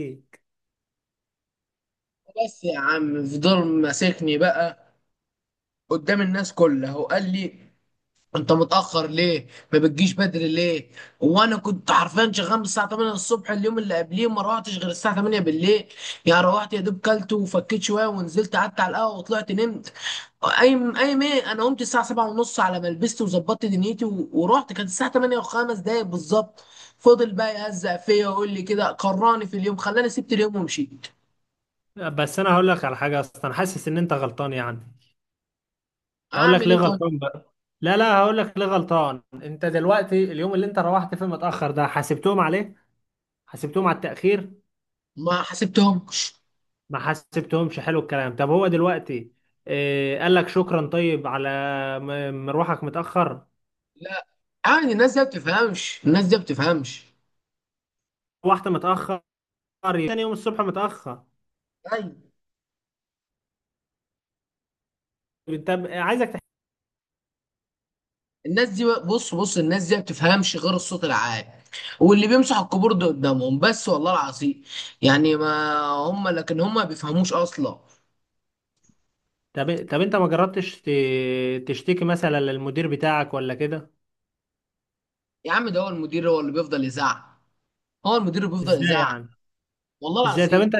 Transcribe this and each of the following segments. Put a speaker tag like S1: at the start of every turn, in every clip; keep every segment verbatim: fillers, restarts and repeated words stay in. S1: فيك.
S2: بس يا عم، فضل ماسكني بقى قدام الناس كلها وقال لي: انت متأخر ليه؟ ما بتجيش بدري ليه؟ وانا كنت حرفيا شغال من الساعة تمانية الصبح، اليوم اللي قبليه ما روحتش غير الساعة تمانية بالليل. يعني روحت يا دوب كلت وفكيت شوية ونزلت، قعدت على القهوة وطلعت نمت. اي اي ايه انا قمت الساعة سبعة ونص على ما لبست وظبطت دنيتي و- ورحت، كانت الساعة تمانية وخمس دقايق بالظبط. فضل بقى يهزق فيا ويقول لي كده، كرهني في اليوم، خلاني سبت اليوم ومشيت.
S1: بس انا هقول لك على حاجه، اصلا أنا حاسس ان انت غلطان يعني. هقول لك
S2: اعمل
S1: ليه
S2: ايه طيب؟
S1: غلطان بقى. لا لا هقول لك ليه غلطان. انت دلوقتي اليوم اللي انت روحت فيه متاخر ده، حاسبتهم عليه؟ حاسبتهم على التاخير؟
S2: ما حسبتهم.
S1: ما حاسبتهمش؟ حلو الكلام. طب هو دلوقتي إيه، قال لك شكرا طيب على م- مروحك متاخر؟
S2: لا. عادي، الناس دي ما بتفهمش، الناس دي ما بتفهمش.
S1: روحت متاخر تاني يوم الصبح متاخر؟
S2: ايوه.
S1: طب عايزك تح...
S2: الناس دي، بص بص، الناس دي ما بتفهمش غير الصوت العالي، واللي بيمسح الكيبورد ده قدامهم بس، والله العظيم. يعني ما هم، لكن هم ما بيفهموش اصلا.
S1: طب طب انت ما جربتش ت- تشتكي مثلا للمدير بتاعك ولا كده؟
S2: يا عم ده هو المدير، هو اللي بيفضل يزعق. هو المدير اللي بيفضل
S1: ازاي
S2: يزعق.
S1: يعني؟
S2: والله
S1: ازاي طب
S2: العظيم.
S1: انت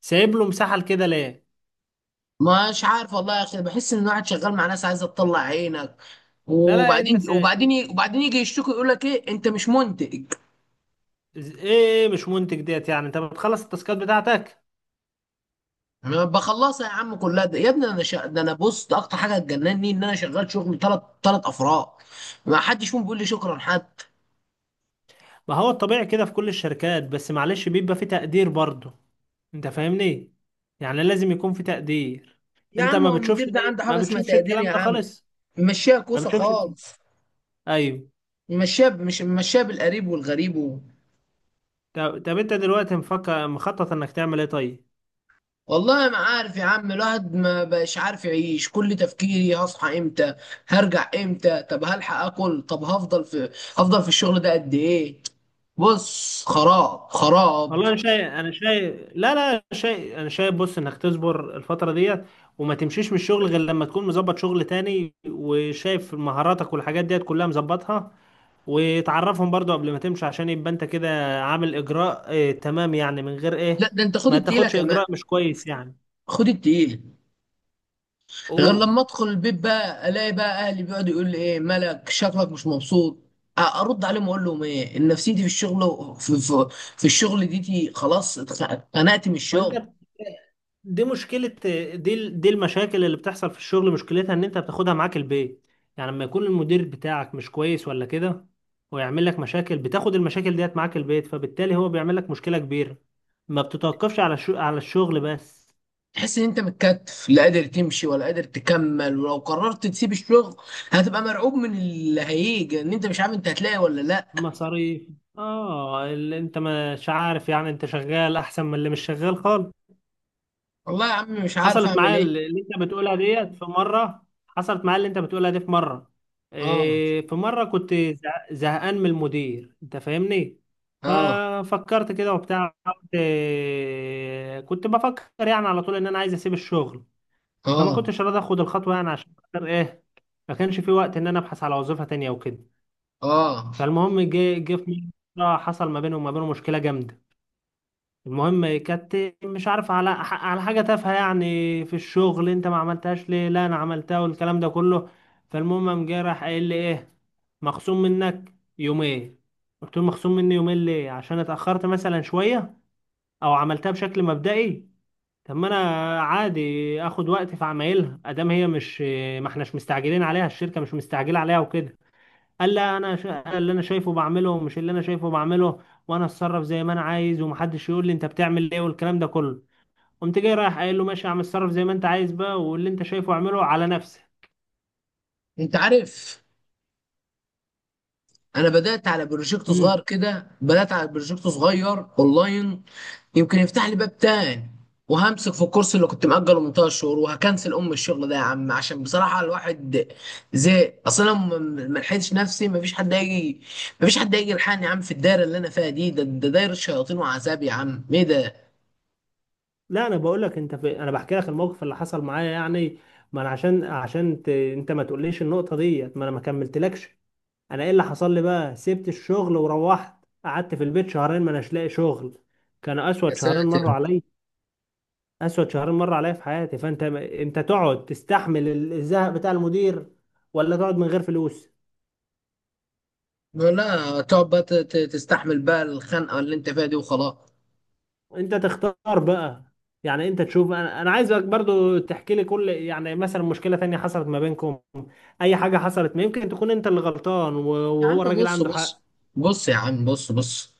S1: سايب له مساحه كده ليه؟
S2: مش عارف والله يا اخي، بحس ان الواحد شغال مع ناس عايزه تطلع عينك،
S1: لا لا انت
S2: وبعدين
S1: سا...
S2: وبعدين وبعدين يجي يشتكي يقول لك ايه، انت مش منتج؟
S1: إز- ايه؟ ايه، مش منتج ديت، يعني انت بتخلص التاسكات بتاعتك؟
S2: يعني انا بخلصها يا عم كلها، ده يا ابني انا شا... ده انا، بص، ده اكتر حاجه تجنني ان انا شغال شغل ثلاث ثلاث افراد، ما حدش فيهم بيقول لي شكرا حتى.
S1: ما هو الطبيعي كده في كل الشركات، بس معلش بيبقى في تقدير برضه. انت فاهمني؟ يعني لازم يكون في تقدير.
S2: يا
S1: انت
S2: عم،
S1: ما
S2: هو
S1: بتشوفش
S2: المدير ده
S1: ايه؟
S2: عنده
S1: ما
S2: حاجه اسمها
S1: بتشوفش
S2: تقدير
S1: الكلام
S2: يا
S1: ده
S2: عم؟
S1: خالص؟
S2: ممشيها
S1: ما
S2: كوسه
S1: بتشوفش الك-
S2: خالص.
S1: ايوه.
S2: ممشيها ب- مش ممشيها بالقريب والغريب و...
S1: طب, طب انت دلوقتي مفكر مخطط انك تعمل ايه طيب؟
S2: والله ما عارف يا عم، الواحد ما بقاش عارف يعيش، كل تفكيري هصحى امتى؟ هرجع امتى؟ طب هلحق اكل؟ طب هفضل في هفضل في الشغل ده قد ايه؟ بص، خراب خراب.
S1: والله انا شايف، انا شايف لا لا شايف انا شايف بص، انك تصبر الفتره ديت وما تمشيش من الشغل غير لما تكون مظبط شغل تاني، وشايف مهاراتك والحاجات ديت كلها مظبطها، وتعرفهم برضو قبل ما تمشي عشان يبقى انت كده عامل اجراء. اه تمام، يعني من غير
S2: لا
S1: ايه،
S2: ده انت خد
S1: ما
S2: التقيله
S1: تاخدش
S2: كمان.
S1: اجراء مش كويس يعني.
S2: خد التقيله. غير
S1: قول.
S2: لما ادخل البيت بقى، الاقي بقى اهلي بيقعدوا يقول لي: ايه مالك، شكلك مش مبسوط. أ- ارد عليهم اقول لهم ايه، ان نفسيتي في الشغل، في, في, في الشغل ديتي خلاص اتخ- اتخنقت من
S1: ما انت
S2: الشغل.
S1: بت- دي مشكلة. دي ال- دي المشاكل اللي بتحصل في الشغل، مشكلتها ان انت بتاخدها معاك البيت. يعني لما يكون المدير بتاعك مش كويس ولا كده، ويعمل لك مشاكل، بتاخد المشاكل ديت معاك البيت، فبالتالي هو بيعمل لك مشكلة كبيرة ما بتتوقفش على الشو... على الشغل بس.
S2: تحس ان انت متكتف، لا قادر تمشي ولا قادر تكمل، ولو قررت تسيب الشغل هتبقى مرعوب من اللي هيجي، ان انت مش عارف انت هتلاقي ولا لا.
S1: مصاريف. اه، اللي انت مش عارف يعني. انت شغال احسن من اللي مش شغال خالص.
S2: والله يا عم، مش عارف
S1: حصلت
S2: اعمل
S1: معايا
S2: ايه.
S1: اللي انت بتقولها ديت في مره. حصلت معايا اللي انت بتقولها دي في مره.
S2: اه.
S1: إيه، في مره كنت زه- زهقان من المدير. انت فاهمني؟
S2: اه.
S1: ففكرت كده وبتاع، قلت إيه، كنت بفكر يعني على طول ان انا عايز اسيب الشغل. فما
S2: اه.
S1: كنتش راضي اخد الخطوه، يعني عشان خاطر ايه، ما كانش في وقت ان انا ابحث على وظيفه تانية وكده.
S2: اه.
S1: فالمهم جه جه في مره حصل ما بيني وما بينه مشكله جامده. المهم كانت، مش عارف، على على حاجة تافهة يعني في الشغل، انت ما عملتهاش ليه، لا انا عملتها، والكلام ده كله. فالمهم قام جاي راح قايل لي ايه، مخصوم منك يومين. قلت له مخصوم مني يومين ليه؟ عشان اتأخرت مثلا شوية او عملتها بشكل مبدئي؟ طب ما انا عادي اخد وقت في عمايلها، ادام هي مش، ما احناش مستعجلين عليها، الشركة مش مستعجلة عليها وكده. قال لا، انا شا... اللي انا شايفه بعمله، مش اللي انا شايفه بعمله، وانا اتصرف زي ما انا عايز، ومحدش يقول لي انت بتعمل ايه، والكلام ده كله. قمت جاي رايح قايل له، ماشي يا عم، اتصرف زي ما انت عايز بقى، واللي انت شايفه اعمله على نفسك.
S2: انت عارف؟ انا بدات على بروجكت صغير
S1: امم.
S2: كده بدات على بروجكت صغير اونلاين، يمكن يفتح لي باب تاني، وهمسك في الكورس اللي كنت مأجله من تلات شهور، وهكنسل ام الشغل ده يا عم، عشان بصراحه الواحد زهق اصلا، ما ما لحقتش نفسي، ما فيش حد هيجي ما فيش حد هيجي يلحقني يا عم، في الدايره اللي انا فيها دي، ده ده دايره شياطين وعذاب يا عم، ايه ده؟
S1: لا انا بقول لك انت في... انا بحكي لك الموقف اللي حصل معايا يعني. ما انا عشان عشان ت... انت ما تقوليش النقطه ديت، ما انا ما كملتلكش. انا ايه اللي حصل لي بقى، سبت الشغل وروحت قعدت في البيت شهرين ما اناش لاقي شغل. كان
S2: يا
S1: اسود شهرين
S2: ساتر.
S1: مروا عليا. اسود شهرين مر عليا في حياتي. فانت انت تقعد تستحمل ال- الزهق بتاع المدير، ولا تقعد من غير فلوس؟
S2: لا تقعد بقى ت- ت- تستحمل بقى الخنقه اللي انت فيها دي وخلاص.
S1: انت تختار بقى. يعني انت تشوف. انا انا عايزك برضو تحكي لي كل، يعني مثلا مشكلة تانية حصلت ما بينكم، اي حاجة حصلت، ما يمكن تكون انت اللي غلطان و-
S2: يا عم
S1: وهو الراجل
S2: بص
S1: عنده حق.
S2: بص. بص يا عم بص بص.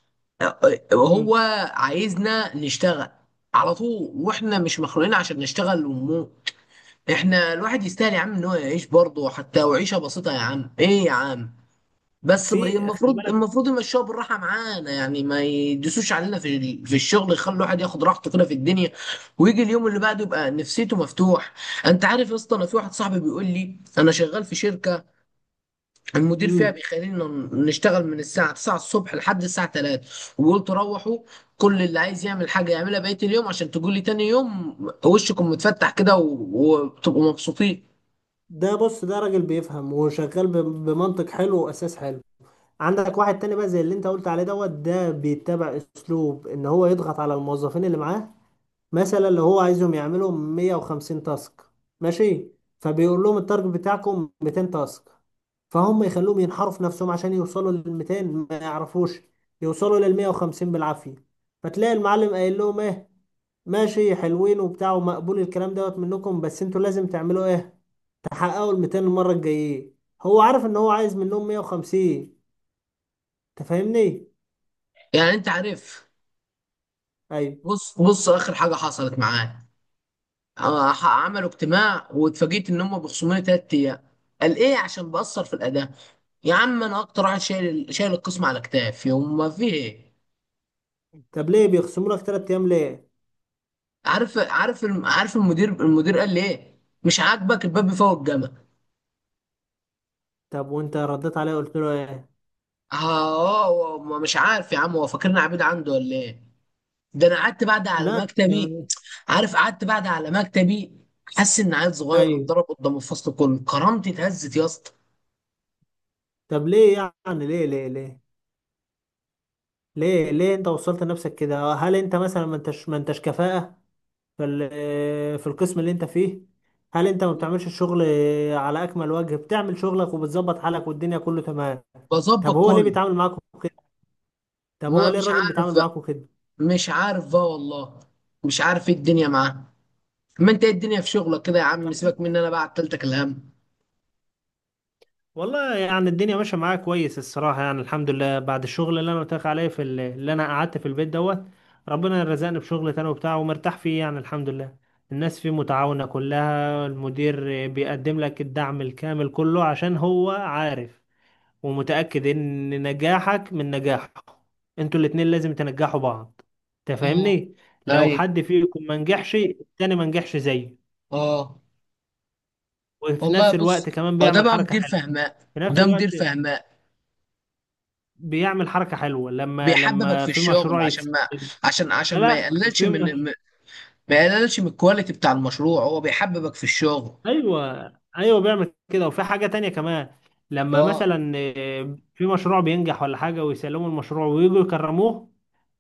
S2: هو
S1: مم.
S2: عايزنا نشتغل على طول، واحنا مش مخلوقين عشان نشتغل ومو احنا، الواحد يستاهل يا عم ان هو يعيش برضه حتى، وعيشه بسيطه يا عم، ايه يا عم؟ بس ب-
S1: في، خلي
S2: المفروض
S1: بالك.
S2: المفروض يمشوها بالراحه معانا، يعني ما يدوسوش علينا في ال- في الشغل، يخلي الواحد ياخد راحته كده في الدنيا، ويجي اليوم اللي بعده يبقى نفسيته مفتوح. انت عارف يا اسطى، انا في واحد صاحبي بيقول لي: انا شغال في شركه، المدير فيها
S1: مم.
S2: بيخلينا نشتغل من الساعة تسعة الصبح لحد الساعة تلاتة، وقلت روحوا، كل اللي عايز يعمل حاجة يعملها بقية اليوم، عشان تقول لي تاني يوم وشكم متفتح كده، و- وبتبقوا مبسوطين.
S1: ده بص، ده راجل بيفهم وشغال ب- بمنطق حلو واساس حلو. عندك واحد تاني بقى زي اللي انت قلت عليه دوت، ده بيتبع اسلوب ان هو يضغط على الموظفين اللي معاه. مثلا لو هو عايزهم يعملوا مية وخمسين تاسك، ماشي، فبيقول لهم التارجت بتاعكم ميتين تاسك، فهم يخلوهم ينحروا في نفسهم عشان يوصلوا لل ميتين، ما يعرفوش يوصلوا لل مية وخمسين بالعافية. فتلاقي المعلم قايل لهم ايه، ماشي حلوين وبتاع، ومقبول الكلام دوت منكم، بس انتوا لازم تعملوا ايه، تحققوا ال ميتين المرة الجاية. هو عارف ان هو عايز منهم مية وخمسين. انت فاهمني؟
S2: يعني انت عارف،
S1: ايوه.
S2: بص بص، اخر حاجة حصلت معايا، آه، ح- عملوا اجتماع واتفاجئت ان هم بيخصموني تلات ايام. قال ايه؟ عشان بأثر في الأداء. يا عم انا اكتر واحد شايل شايل القسم على كتافي، وما فيه ايه؟
S1: طب ليه بيخصموا لك تلات ايام ليه؟
S2: عارف عارف الم- عارف المدير المدير قال لي ايه؟ مش عاجبك الباب بيفوق الجمل.
S1: طب وانت رديت عليه قلت له ايه؟
S2: اه هو ما- مش عارف يا عم، هو فاكرني عبيد عنده ولا ايه؟ ده انا قعدت بعد على
S1: لا.
S2: مكتبي. عارف؟ قعدت بعد على مكتبي، حاسس ان عيل صغير
S1: ايوه.
S2: اتضرب قدام الفصل كله، كرامتي اتهزت يا اسطى.
S1: طب ليه يعني؟ ليه ليه ليه ليه ليه انت وصلت نفسك كده؟ هل انت مثلا ما انتش ما انتش كفاءة في ال- في القسم اللي انت فيه؟ هل انت ما بتعملش الشغل على اكمل وجه؟ بتعمل شغلك وبتظبط حالك والدنيا كله تمام؟ طب
S2: بظبط
S1: هو ليه
S2: كله.
S1: بيتعامل معاكم كده؟ طب هو
S2: ما
S1: ليه
S2: مش
S1: الراجل
S2: عارف
S1: بيتعامل
S2: بقى،
S1: معاكم كده؟
S2: مش عارف بقى والله، مش عارف ايه الدنيا معاه. ما انت ايه الدنيا في شغلك كده يا عم؟ سيبك مني انا بقى، عطلتك الهم.
S1: والله يعني الدنيا ماشيه معايا كويس الصراحه، يعني الحمد لله. بعد الشغل اللي انا قلت لك عليه في ال- اللي انا قعدت في البيت دوت، ربنا رزقني بشغل تاني وبتاع، ومرتاح فيه يعني الحمد لله. الناس فيه متعاونه كلها. المدير بيقدم لك الدعم الكامل كله، عشان هو عارف ومتاكد ان نجاحك من نجاحه. انتوا الاتنين لازم تنجحوا بعض،
S2: اه.
S1: تفهمني؟ لو
S2: ايوه.
S1: حد فيكم ما نجحش، التاني ما نجحش زيه.
S2: اه.
S1: وفي
S2: والله
S1: نفس
S2: بص،
S1: الوقت كمان
S2: اه ده
S1: بيعمل
S2: بقى
S1: حركه
S2: مدير
S1: حلوه.
S2: فهمان.
S1: في نفس
S2: ده
S1: الوقت
S2: مدير فهمان.
S1: بيعمل حركة حلوة لما
S2: بيحببك
S1: لما
S2: في
S1: في
S2: الشغل
S1: مشروع
S2: عشان
S1: يتسجل.
S2: ما عشان
S1: لا
S2: عشان ما
S1: لا،
S2: يقللش
S1: في
S2: من
S1: مش...
S2: ما يقللش من الكواليتي بتاع المشروع، هو بيحببك في الشغل.
S1: ايوه. ايوه بيعمل كده. وفي حاجة تانية كمان، لما
S2: اه.
S1: مثلا آه، في مشروع بينجح ولا حاجة، ويسلموا المشروع ويجوا يكرموه،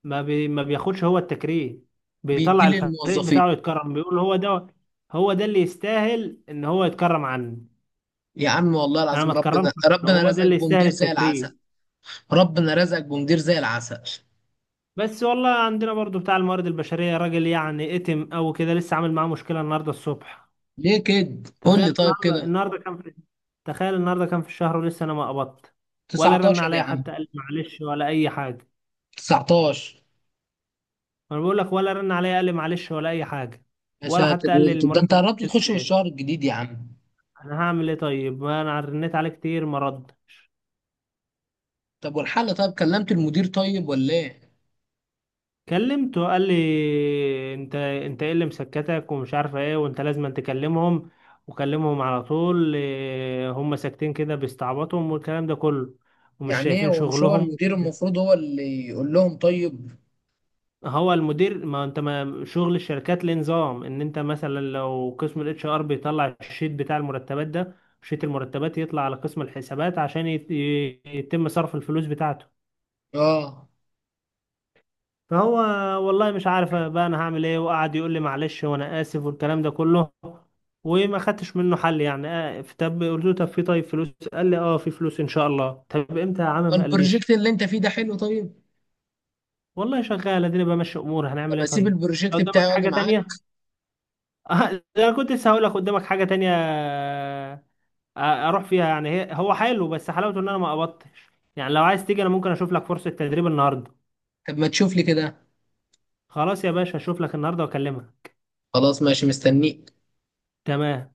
S1: ما بي... ما بياخدش هو التكريم،
S2: بيدي
S1: بيطلع الفريق
S2: للموظفين.
S1: بتاعه يتكرم، بيقول هو ده، هو ده اللي يستاهل ان هو يتكرم عني.
S2: يا عم والله
S1: انا
S2: العظيم،
S1: ما اتكرمش
S2: ربنا
S1: عنه،
S2: ربنا
S1: هو ده
S2: رزقك
S1: اللي يستاهل
S2: بمدير زي العسل.
S1: التكريم.
S2: ربنا رزقك بمدير زي العسل.
S1: بس والله عندنا برضو بتاع الموارد البشرية راجل يعني اتم او كده، لسه عامل معاه مشكلة النهاردة الصبح.
S2: ليه كده؟ قول
S1: تخيل
S2: لي طيب
S1: النهارده،
S2: كده.
S1: النهارده كان في تخيل النهارده كان في الشهر ولسه انا ما قبضت، ولا رن
S2: تسعتاشر يا
S1: عليا
S2: عم.
S1: حتى قال لي معلش ولا اي حاجه.
S2: تسعتاشر.
S1: انا بقول لك، ولا رن عليا قال لي معلش ولا اي حاجه،
S2: يا
S1: ولا
S2: ساتر،
S1: حتى قال لي
S2: انت- ده انت
S1: المرتب ما
S2: قربت تخش
S1: بيتقبلش
S2: في
S1: ليه.
S2: الشهر الجديد يا عم.
S1: انا هعمل ايه طيب؟ ما انا رنيت عليه كتير، ما ردش.
S2: طب والحل؟ طيب كلمت المدير طيب ولا ايه؟
S1: كلمته قال لي، انت انت ايه اللي مسكتك ومش عارفه ايه، وانت لازم تكلمهم، وكلمهم على طول. إيه، هم ساكتين كده بيستعبطهم، والكلام ده كله، ومش
S2: يعني ايه
S1: شايفين
S2: هو، مش هو
S1: شغلهم
S2: المدير
S1: وكده.
S2: المفروض هو اللي يقول لهم طيب؟
S1: هو المدير، ما انت ما شغل الشركات ليه نظام، ان انت مثلا لو قسم الاتش ار بيطلع الشيت بتاع المرتبات ده، شيت المرتبات يطلع على قسم الحسابات عشان يت- يتم صرف الفلوس بتاعته.
S2: اه.
S1: فهو، والله مش عارف بقى انا هعمل ايه، وقعد يقول لي معلش وانا اسف والكلام ده كله. وما خدتش منه حل يعني. آه، طب قلت له طب في طيب فلوس، قال لي اه في فلوس ان شاء الله. طب امتى يا عم؟ ما
S2: البروجكت
S1: قاليش.
S2: اللي انت فيه ده حلو طيب؟
S1: والله شغال، اديني بمشي اموري، هنعمل
S2: طب
S1: ايه
S2: اسيب
S1: طيب؟ لو
S2: البروجكت بتاعي
S1: قدامك
S2: واجي
S1: حاجة
S2: معاك؟
S1: تانية، آه، انا كنت لسه هقول لك قدامك حاجه تانية آه، آه، اروح فيها يعني. هي هو حلو، بس حلاوته ان انا ما قبضتش يعني. لو عايز تيجي، انا ممكن اشوف لك فرصه تدريب النهارده.
S2: طب ما تشوف لي كده؟
S1: خلاص يا باشا، اشوف لك النهارده واكلمها.
S2: خلاص ماشي مستنيك.
S1: تمام.